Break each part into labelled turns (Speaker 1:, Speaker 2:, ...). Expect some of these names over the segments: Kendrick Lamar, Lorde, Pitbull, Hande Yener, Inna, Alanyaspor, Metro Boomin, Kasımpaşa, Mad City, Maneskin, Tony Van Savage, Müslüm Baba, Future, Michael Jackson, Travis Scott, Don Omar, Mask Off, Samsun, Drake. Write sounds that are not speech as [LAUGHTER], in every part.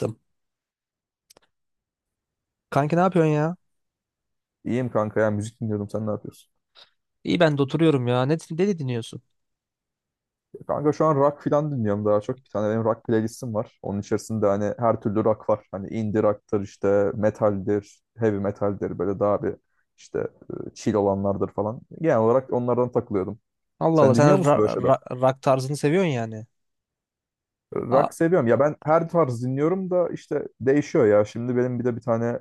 Speaker 1: Yaptım. Kanki ne yapıyorsun ya?
Speaker 2: İyiyim kanka ya, müzik dinliyordum, sen ne yapıyorsun?
Speaker 1: İyi ben de oturuyorum ya. Ne de dinliyorsun?
Speaker 2: Ya kanka şu an rock falan dinliyorum daha çok. Bir tane benim rock playlistim var. Onun içerisinde hani her türlü rock var. Hani indie rock'tır, işte metaldir, heavy metaldir, böyle daha işte chill olanlardır falan. Genel olarak onlardan takılıyordum.
Speaker 1: Allah Allah
Speaker 2: Sen dinliyor
Speaker 1: sen
Speaker 2: musun böyle şeyler?
Speaker 1: rock tarzını seviyorsun yani. A-
Speaker 2: Rock seviyorum. Ya ben her tarz dinliyorum da işte değişiyor ya. Şimdi benim bir de bir tane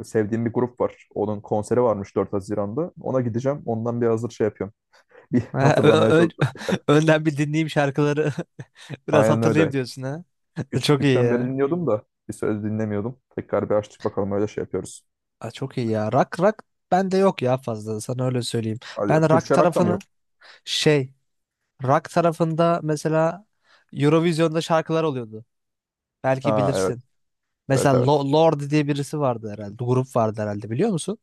Speaker 2: e, sevdiğim bir grup var. Onun konseri varmış 4 Haziran'da. Ona gideceğim. Ondan bir hazır şey yapıyorum. [LAUGHS] Bir
Speaker 1: [LAUGHS] Ö-
Speaker 2: hatırlamaya
Speaker 1: ö-
Speaker 2: çalışıyorum tekrar.
Speaker 1: [LAUGHS] önden bir dinleyeyim şarkıları [LAUGHS] biraz
Speaker 2: Aynen
Speaker 1: hatırlayayım
Speaker 2: öyle.
Speaker 1: diyorsun ha. [LAUGHS] Çok iyi
Speaker 2: Küçüklükten beri
Speaker 1: ya.
Speaker 2: dinliyordum da bir söz dinlemiyordum. Tekrar bir açtık, bakalım öyle şey yapıyoruz.
Speaker 1: Aa, çok iyi ya. Rock rock bende yok ya fazla sana öyle söyleyeyim.
Speaker 2: Hadi ya,
Speaker 1: Ben rock
Speaker 2: Türkçe rock da mı
Speaker 1: tarafını
Speaker 2: yok?
Speaker 1: şey, rock tarafında mesela Eurovision'da şarkılar oluyordu. Belki
Speaker 2: Ha, evet.
Speaker 1: bilirsin. Mesela
Speaker 2: Evet, evet.
Speaker 1: Lorde diye birisi vardı herhalde. Grup vardı herhalde, biliyor musun?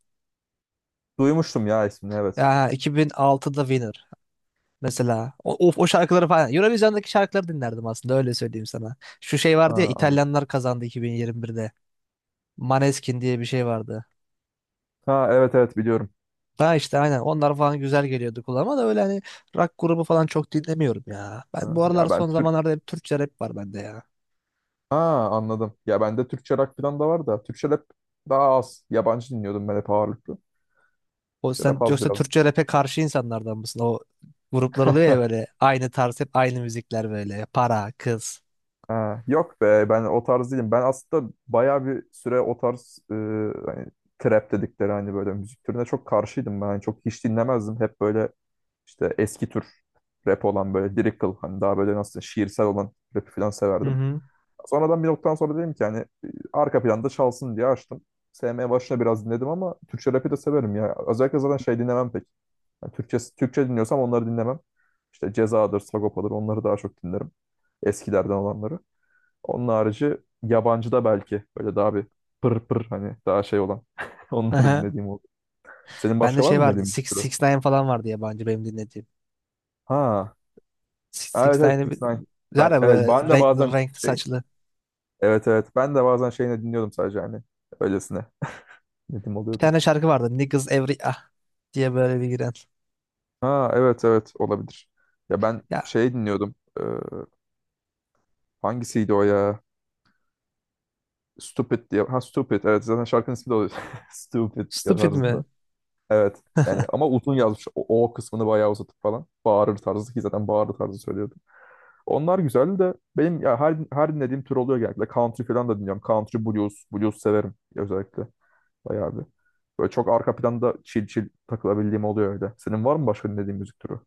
Speaker 2: Duymuştum ya ismini, evet.
Speaker 1: Ya 2006'da Winner. Mesela o şarkıları falan. Eurovision'daki şarkıları dinlerdim aslında, öyle söyleyeyim sana. Şu şey vardı ya,
Speaker 2: Ha, anladım.
Speaker 1: İtalyanlar kazandı 2021'de. Maneskin diye bir şey vardı.
Speaker 2: Ha, evet evet, biliyorum.
Speaker 1: Ha işte aynen onlar falan güzel geliyordu kulağıma da, öyle hani rock grubu falan çok dinlemiyorum ya. Ben
Speaker 2: Ha,
Speaker 1: bu
Speaker 2: ya
Speaker 1: aralar
Speaker 2: ben
Speaker 1: son
Speaker 2: Türk
Speaker 1: zamanlarda hep Türkçe rap var bende ya.
Speaker 2: Ha anladım. Ya bende Türkçe rock falan da var da Türkçe rap daha az. Yabancı dinliyordum ben hep ağırlıklı.
Speaker 1: O
Speaker 2: Türkçe rap
Speaker 1: sen
Speaker 2: az
Speaker 1: yoksa
Speaker 2: biraz.
Speaker 1: Türkçe rap'e karşı insanlardan mısın? O gruplar oluyor ya,
Speaker 2: [LAUGHS]
Speaker 1: böyle aynı tarz hep aynı müzikler böyle. Para, kız.
Speaker 2: Ha, yok be, ben o tarz değilim. Ben aslında bayağı bir süre o tarz hani trap dedikleri hani böyle müzik türüne çok karşıydım ben. Hani çok hiç dinlemezdim. Hep böyle İşte eski tür rap olan, böyle lyrical, hani daha böyle nasıl şiirsel olan rapi falan
Speaker 1: Hı
Speaker 2: severdim.
Speaker 1: hı.
Speaker 2: Sonradan bir noktadan sonra dedim ki arka planda çalsın diye açtım. Sevmeye başına biraz dinledim ama Türkçe rapi de severim ya. Özellikle zaten şey dinlemem pek. Yani Türkçe, Türkçe dinliyorsam onları dinlemem. İşte Ceza'dır, Sagopa'dır, onları daha çok dinlerim. Eskilerden olanları. Onun harici yabancı da belki böyle daha bir pır pır, hani daha şey olan [LAUGHS] onları
Speaker 1: Aha.
Speaker 2: dinlediğim oldu. Senin
Speaker 1: Bende
Speaker 2: başka var
Speaker 1: şey
Speaker 2: mı
Speaker 1: vardı.
Speaker 2: dinlediğin bir
Speaker 1: Six,
Speaker 2: türü?
Speaker 1: Six Nine falan vardı yabancı benim dinlediğim.
Speaker 2: Ha,
Speaker 1: Six
Speaker 2: evet evet, 6
Speaker 1: Nine'ı bir-
Speaker 2: ix.
Speaker 1: Var
Speaker 2: Ben,
Speaker 1: ya
Speaker 2: evet
Speaker 1: böyle
Speaker 2: ben de
Speaker 1: renkli
Speaker 2: bazen
Speaker 1: renkli
Speaker 2: şey,
Speaker 1: saçlı.
Speaker 2: evet evet ben de bazen şeyini dinliyordum, sadece hani öylesine dinlediğim
Speaker 1: Bir
Speaker 2: oluyordu.
Speaker 1: tane şarkı vardı. Niggas Every Ah diye böyle bir giren.
Speaker 2: Ha, evet evet, olabilir. Ya ben
Speaker 1: Ya
Speaker 2: şey dinliyordum. Hangisiydi o ya? Stupid diye. Ha, Stupid, evet, zaten şarkının ismi de oluyor. [LAUGHS] Stupid
Speaker 1: stupid mi?
Speaker 2: tarzında. Evet. Yani ama uzun yazmış. O, o kısmını bayağı uzatıp falan. Bağırır tarzı, ki zaten bağırır tarzı söylüyordu. Onlar güzel de benim ya her dinlediğim tür oluyor genellikle. Country falan da dinliyorum. Country blues, blues severim özellikle. Bayağı bir. Böyle çok arka planda chill chill takılabildiğim oluyor öyle. Senin var mı başka dinlediğin müzik türü?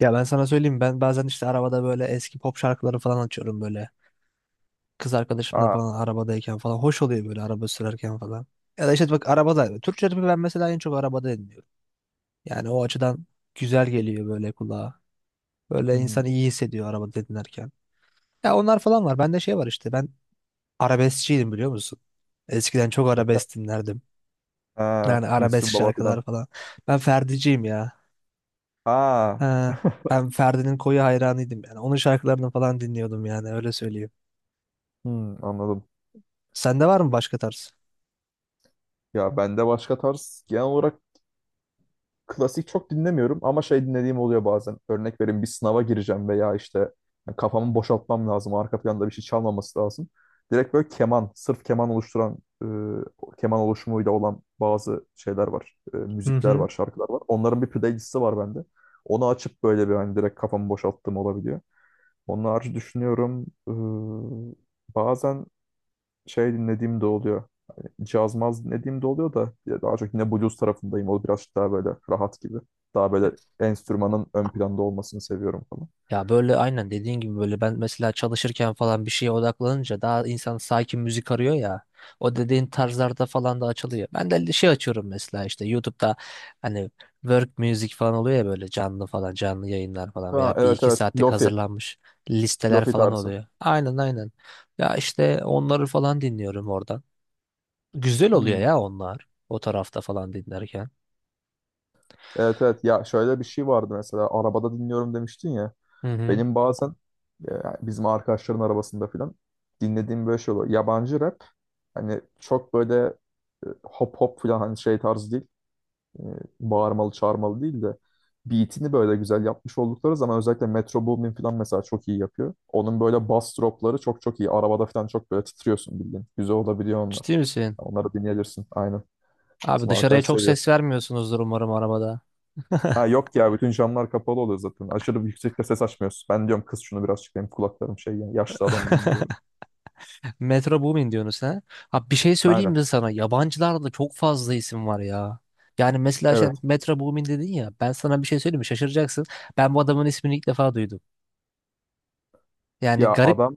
Speaker 1: Ya ben sana söyleyeyim, ben bazen işte arabada böyle eski pop şarkıları falan açıyorum böyle. Kız arkadaşımla
Speaker 2: Ha.
Speaker 1: falan arabadayken falan. Hoş oluyor böyle araba sürerken falan. Ya da işte bak, arabada. Türkçe rapi ben mesela en çok arabada dinliyorum. Yani o açıdan güzel geliyor böyle kulağa. Böyle
Speaker 2: Hı
Speaker 1: insan
Speaker 2: hı.
Speaker 1: iyi hissediyor arabada dinlerken. Ya onlar falan var. Bende şey var işte, ben arabeskçiydim, biliyor musun? Eskiden çok arabesk dinlerdim. Yani
Speaker 2: Ha.
Speaker 1: arabesk
Speaker 2: Müslüm Baba
Speaker 1: şarkılar
Speaker 2: falan.
Speaker 1: falan. Ben Ferdi'ciyim ya.
Speaker 2: Ha.
Speaker 1: Ha,
Speaker 2: [LAUGHS]
Speaker 1: ben Ferdi'nin koyu hayranıydım yani. Onun şarkılarını falan dinliyordum yani, öyle söyleyeyim.
Speaker 2: Hı, anladım.
Speaker 1: Sende var mı başka tarz?
Speaker 2: Ya bende başka tarz genel olarak klasik çok dinlemiyorum ama şey dinlediğim oluyor bazen. Örnek vereyim, bir sınava gireceğim veya işte yani kafamı boşaltmam lazım. Arka planda bir şey çalmaması lazım. Direkt böyle keman, sırf keman oluşturan, keman oluşumuyla olan bazı şeyler var. E,
Speaker 1: Hı
Speaker 2: müzikler
Speaker 1: hı.
Speaker 2: var, şarkılar var. Onların bir playlisti var bende. Onu açıp böyle bir hani direkt kafamı boşalttığım olabiliyor. Onun harici düşünüyorum. Bazen şey dinlediğim de oluyor. Hani caz maz dinlediğim de oluyor da ya daha çok yine blues tarafındayım. O birazcık daha böyle rahat gibi. Daha böyle enstrümanın ön planda olmasını seviyorum falan.
Speaker 1: Ya böyle aynen dediğin gibi, böyle ben mesela çalışırken falan bir şeye odaklanınca daha insan sakin müzik arıyor ya. O dediğin tarzlarda falan da açılıyor. Ben de şey açıyorum mesela işte YouTube'da, hani work music falan oluyor ya böyle, canlı falan canlı yayınlar falan
Speaker 2: Ha,
Speaker 1: veya bir
Speaker 2: evet
Speaker 1: iki
Speaker 2: evet.
Speaker 1: saatlik
Speaker 2: Lofi.
Speaker 1: hazırlanmış listeler
Speaker 2: Lofi
Speaker 1: falan
Speaker 2: tarzı.
Speaker 1: oluyor. Aynen aynen. Ya işte onları falan dinliyorum oradan. Güzel oluyor
Speaker 2: Hmm.
Speaker 1: ya onlar, o tarafta falan dinlerken.
Speaker 2: Evet evet. Ya şöyle bir şey vardı mesela. Arabada dinliyorum demiştin ya.
Speaker 1: Hı hı.
Speaker 2: Benim bazen e, bizim arkadaşların arabasında filan dinlediğim böyle şey oluyor. Yabancı rap. Hani çok böyle hop hop falan hani şey tarzı değil. e, Bağırmalı çağırmalı değil de beatini böyle güzel yapmış oldukları zaman özellikle Metro Boomin falan mesela çok iyi yapıyor. Onun böyle bass dropları çok çok iyi. Arabada falan çok böyle titriyorsun bildiğin. Güzel olabiliyor onlar.
Speaker 1: Ciddi misin?
Speaker 2: Onları dinleyebilirsin. Aynen.
Speaker 1: Abi
Speaker 2: Bizim
Speaker 1: dışarıya
Speaker 2: arkadaş
Speaker 1: çok
Speaker 2: seviyor.
Speaker 1: ses vermiyorsunuzdur umarım arabada.
Speaker 2: Ha yok ya, bütün camlar kapalı oluyor zaten. Aşırı yüksekte ses açmıyorsun. Ben diyorum kız şunu birazcık, benim kulaklarım şey yani, yaşlı adamım ben diyorum.
Speaker 1: [LAUGHS] Metro Boomin diyorsunuz ha? Ha bir şey söyleyeyim
Speaker 2: Aynen.
Speaker 1: mi sana? Yabancılarda çok fazla isim var ya. Yani mesela şey,
Speaker 2: Evet.
Speaker 1: Metro Boomin dedin ya. Ben sana bir şey söyleyeyim mi? Şaşıracaksın. Ben bu adamın ismini ilk defa duydum. Yani
Speaker 2: Ya
Speaker 1: garip.
Speaker 2: adam,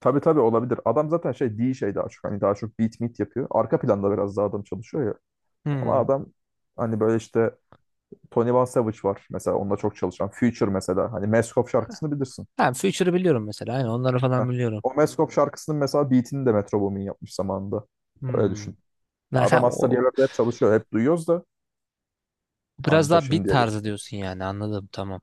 Speaker 2: tabii tabii, olabilir. Adam zaten şey değil, şey daha çok. Hani daha çok beat meet yapıyor. Arka planda biraz daha adam çalışıyor ya. Ama
Speaker 1: Hmm.
Speaker 2: adam hani böyle işte Tony Van Savage var mesela, onunla çok çalışan. Future mesela, hani Mask Off şarkısını bilirsin.
Speaker 1: Ha, Future'ı biliyorum mesela. Aynen onları
Speaker 2: Heh.
Speaker 1: falan biliyorum.
Speaker 2: O Mask Off şarkısının mesela beatini de Metro Boomin yapmış zamanında. Öyle
Speaker 1: Hmm.
Speaker 2: düşün. Ya
Speaker 1: Yani sen
Speaker 2: adam aslında
Speaker 1: o
Speaker 2: bir yerlerde hep çalışıyor. Hep duyuyoruz da
Speaker 1: biraz
Speaker 2: anca
Speaker 1: daha beat
Speaker 2: şimdiye gel.
Speaker 1: tarzı diyorsun yani, anladım tamam.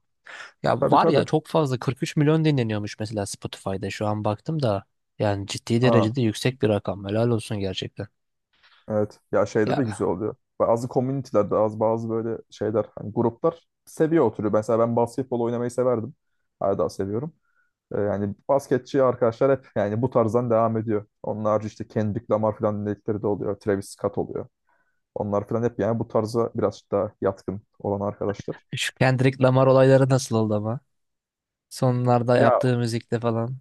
Speaker 1: Ya
Speaker 2: Tabii
Speaker 1: var ya,
Speaker 2: tabii.
Speaker 1: çok fazla 43 milyon dinleniyormuş mesela Spotify'da, şu an baktım da. Yani ciddi
Speaker 2: Ha,
Speaker 1: derecede yüksek bir rakam. Helal olsun gerçekten.
Speaker 2: evet. Ya şeyde de
Speaker 1: Ya
Speaker 2: güzel oluyor. Bazı komünitelerde az, bazı böyle şeyler hani gruplar seviye oturuyor. Mesela ben basketbol oynamayı severdim. Hala daha seviyorum. Yani basketçi arkadaşlar hep yani bu tarzdan devam ediyor. Onun harici işte Kendrick Lamar falan dinledikleri de oluyor. Travis Scott oluyor. Onlar falan hep yani bu tarza biraz daha yatkın olan arkadaşlar.
Speaker 1: şu Kendrick Lamar olayları nasıl oldu ama? Sonlarda
Speaker 2: Ya
Speaker 1: yaptığı müzikte falan.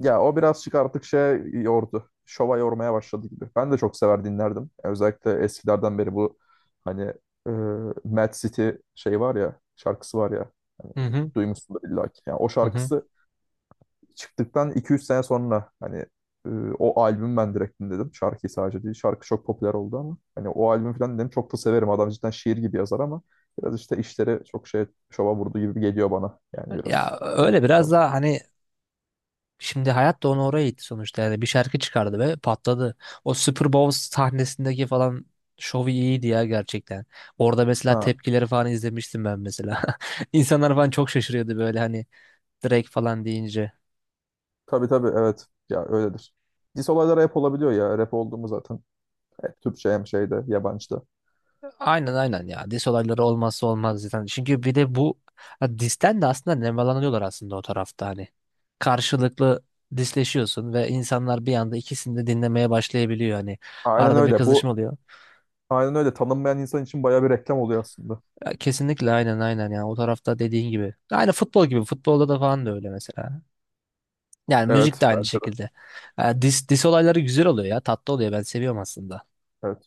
Speaker 2: ya o birazcık artık şey yordu. Şova yormaya başladı gibi. Ben de çok sever dinlerdim. Özellikle eskilerden beri bu hani e, Mad City şey var ya, şarkısı var ya,
Speaker 1: Hı hı.
Speaker 2: duymuşsundur illa ki. Yani o
Speaker 1: Hı hı.
Speaker 2: şarkısı çıktıktan iki üç sene sonra e, o albüm ben direkt dinledim. Şarkıyı sadece değil. Şarkı çok popüler oldu ama hani o albüm falan dedim, çok da severim. Adam cidden şiir gibi yazar ama biraz işte işleri çok şey şova vurdu gibi geliyor bana. Yani
Speaker 1: Ya
Speaker 2: biraz gerek
Speaker 1: öyle, biraz
Speaker 2: fazla.
Speaker 1: daha hani şimdi hayat da onu oraya itti sonuçta. Yani bir şarkı çıkardı ve patladı. O Super Bowl sahnesindeki falan şovu iyiydi ya gerçekten. Orada mesela
Speaker 2: Ha,
Speaker 1: tepkileri falan izlemiştim ben mesela. [LAUGHS] İnsanlar falan çok şaşırıyordu böyle, hani Drake falan deyince.
Speaker 2: tabii tabii, evet. Ya öyledir. Diss olaylar rap olabiliyor ya. Rap oldu mu zaten. Hep Türkçe, hem şeyde yabancıda.
Speaker 1: Aynen aynen ya. Dis olayları olmazsa olmaz zaten. Çünkü bir de bu ha, disten de aslında nemalanıyorlar aslında o tarafta hani. Karşılıklı disleşiyorsun ve insanlar bir anda ikisini de dinlemeye başlayabiliyor hani.
Speaker 2: Aynen
Speaker 1: Arada bir
Speaker 2: öyle.
Speaker 1: kızışma
Speaker 2: Bu
Speaker 1: oluyor.
Speaker 2: aynen öyle. Tanınmayan insan için bayağı bir reklam oluyor aslında.
Speaker 1: Ya, kesinlikle aynen aynen ya. O tarafta dediğin gibi. Aynı futbol gibi. Futbolda da falan da öyle mesela. Yani müzik de
Speaker 2: Evet,
Speaker 1: aynı
Speaker 2: bence de.
Speaker 1: şekilde. Ha, dis olayları güzel oluyor ya. Tatlı oluyor. Ben seviyorum aslında.
Speaker 2: Evet.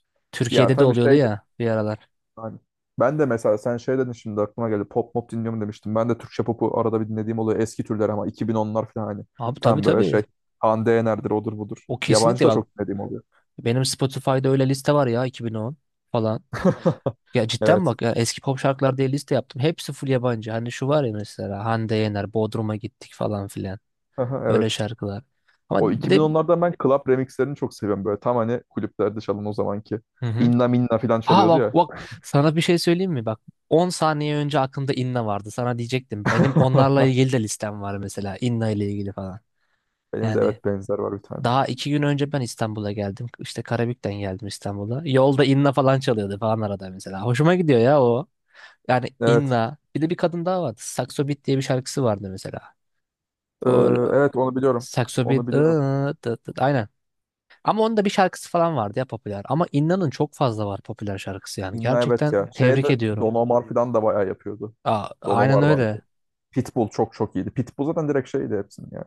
Speaker 2: Ya
Speaker 1: Türkiye'de de
Speaker 2: tabii
Speaker 1: oluyordu
Speaker 2: şey de,
Speaker 1: ya bir aralar.
Speaker 2: yani ben de mesela sen şey dedin, şimdi aklıma geldi. Pop mop dinliyorum demiştim. Ben de Türkçe popu arada bir dinlediğim oluyor. Eski türler ama 2010'lar falan hani.
Speaker 1: Abi tabii
Speaker 2: Tam böyle
Speaker 1: tabii.
Speaker 2: şey. Hande Yener'dir, odur budur.
Speaker 1: O
Speaker 2: Yabancı
Speaker 1: kesinlikle
Speaker 2: da
Speaker 1: bak,
Speaker 2: çok dinlediğim oluyor.
Speaker 1: benim Spotify'da öyle liste var ya, 2010 falan.
Speaker 2: [LAUGHS]
Speaker 1: Ya cidden
Speaker 2: Evet.
Speaker 1: bak ya, eski pop şarkılar diye liste yaptım. Hepsi full yabancı. Hani şu var ya mesela Hande Yener, Bodrum'a gittik falan filan.
Speaker 2: Aha,
Speaker 1: Böyle
Speaker 2: evet.
Speaker 1: şarkılar. Ama
Speaker 2: O
Speaker 1: bir de.
Speaker 2: 2010'lardan ben club remixlerini çok seviyorum böyle. Tam hani kulüplerde çalın o zamanki.
Speaker 1: Hı hı.
Speaker 2: İnna minna falan
Speaker 1: Ha
Speaker 2: çalıyordu
Speaker 1: bak
Speaker 2: ya.
Speaker 1: bak, sana bir şey söyleyeyim mi? Bak, 10 saniye önce aklımda Inna vardı. Sana diyecektim. Benim onlarla
Speaker 2: [LAUGHS]
Speaker 1: ilgili de listem var mesela. Inna ile ilgili falan.
Speaker 2: Benim de
Speaker 1: Yani
Speaker 2: evet benzer var bir tane.
Speaker 1: daha 2 gün önce ben İstanbul'a geldim. İşte Karabük'ten geldim İstanbul'a. Yolda Inna falan çalıyordu falan arada mesela. Hoşuma gidiyor ya, yani
Speaker 2: Evet.
Speaker 1: Inna. Bir de bir kadın daha vardı. Saxo Beat diye bir şarkısı vardı mesela.
Speaker 2: Ee,
Speaker 1: O,
Speaker 2: evet onu biliyorum.
Speaker 1: Saxo
Speaker 2: Onu
Speaker 1: Beat.
Speaker 2: biliyorum.
Speaker 1: Tıt tıt, aynen. Ama onun da bir şarkısı falan vardı ya popüler. Ama Inna'nın çok fazla var popüler şarkısı yani.
Speaker 2: İnna evet
Speaker 1: Gerçekten
Speaker 2: ya.
Speaker 1: tebrik
Speaker 2: Şeyde
Speaker 1: ediyorum.
Speaker 2: Don Omar falan da bayağı yapıyordu.
Speaker 1: Aa,
Speaker 2: Don
Speaker 1: aynen
Speaker 2: Omar vardı.
Speaker 1: öyle.
Speaker 2: Pitbull çok çok iyiydi. Pitbull zaten direkt şeydi hepsinin ya.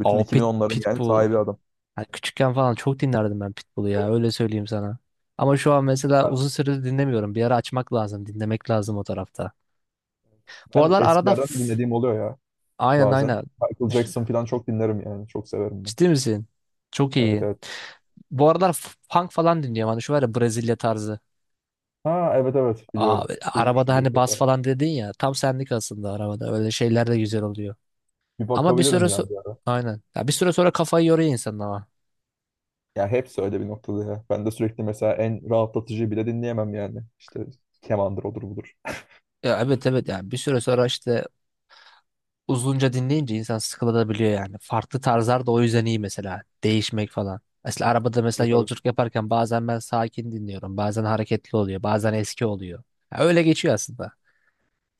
Speaker 2: Bütün
Speaker 1: O
Speaker 2: iki bin onların yani
Speaker 1: Pitbull.
Speaker 2: sahibi adam.
Speaker 1: Yani küçükken falan çok dinlerdim ben Pitbull'u ya. Öyle söyleyeyim sana. Ama şu an mesela
Speaker 2: Ya,
Speaker 1: uzun süredir dinlemiyorum. Bir ara açmak lazım. Dinlemek lazım o tarafta. Bu
Speaker 2: ben
Speaker 1: aralar arada.
Speaker 2: eskilerden de dinlediğim oluyor ya
Speaker 1: Aynen
Speaker 2: bazen.
Speaker 1: aynen.
Speaker 2: Michael Jackson falan çok dinlerim yani. Çok severim ben.
Speaker 1: Ciddi misin? Çok
Speaker 2: Evet
Speaker 1: iyi.
Speaker 2: evet.
Speaker 1: Bu aralar funk falan dinliyorum. Hani şu var ya, Brezilya tarzı.
Speaker 2: Ha, evet evet,
Speaker 1: Aa,
Speaker 2: biliyorum.
Speaker 1: arabada
Speaker 2: Duymuştum bir iki
Speaker 1: hani bas
Speaker 2: defa.
Speaker 1: falan dedin ya. Tam senlik aslında arabada. Öyle şeyler de güzel oluyor.
Speaker 2: Bir
Speaker 1: Ama bir süre
Speaker 2: bakabilirim ya bir ara.
Speaker 1: aynen. Ya bir süre sonra kafayı yoruyor insan ama.
Speaker 2: Ya hepsi öyle bir noktada ya. Ben de sürekli mesela en rahatlatıcı bile dinleyemem yani. İşte kemandır, odur budur.
Speaker 1: Ya evet evet, yani bir süre sonra işte uzunca dinleyince insan sıkılabiliyor yani. Farklı tarzlar da o yüzden iyi mesela. Değişmek falan. Mesela arabada mesela
Speaker 2: Evet evet.
Speaker 1: yolculuk yaparken bazen ben sakin dinliyorum. Bazen hareketli oluyor. Bazen eski oluyor. Ya öyle geçiyor aslında.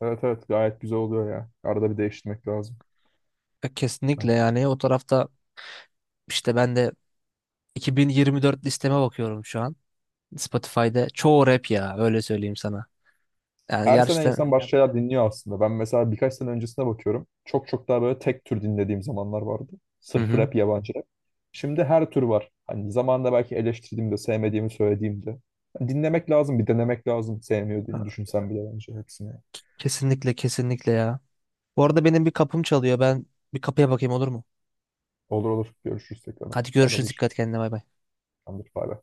Speaker 2: Evet evet, gayet güzel oluyor ya. Arada bir değiştirmek lazım.
Speaker 1: Ya
Speaker 2: Yani
Speaker 1: kesinlikle yani o tarafta işte ben de 2024 listeme bakıyorum şu an. Spotify'da çoğu rap ya, öyle söyleyeyim sana. Yani
Speaker 2: her sene
Speaker 1: gerçekten.
Speaker 2: insan başka şeyler dinliyor aslında. Ben mesela birkaç sene öncesine bakıyorum. Çok çok daha böyle tek tür dinlediğim zamanlar vardı.
Speaker 1: Hı
Speaker 2: Sırf
Speaker 1: hı.
Speaker 2: rap, yabancı rap. Şimdi her tür var. Hani zamanında belki eleştirdiğimde, sevmediğimi söylediğimde. Yani dinlemek lazım, bir denemek lazım. Sevmiyor diye düşünsen bile bence hepsini.
Speaker 1: Kesinlikle kesinlikle ya. Bu arada benim bir kapım çalıyor. Ben bir kapıya bakayım, olur mu?
Speaker 2: Olur olur. Görüşürüz tekrar.
Speaker 1: Hadi görüşürüz. Dikkat
Speaker 2: Haberleşiriz.
Speaker 1: kendine, bay bay.
Speaker 2: Tamamdır. Bay bay.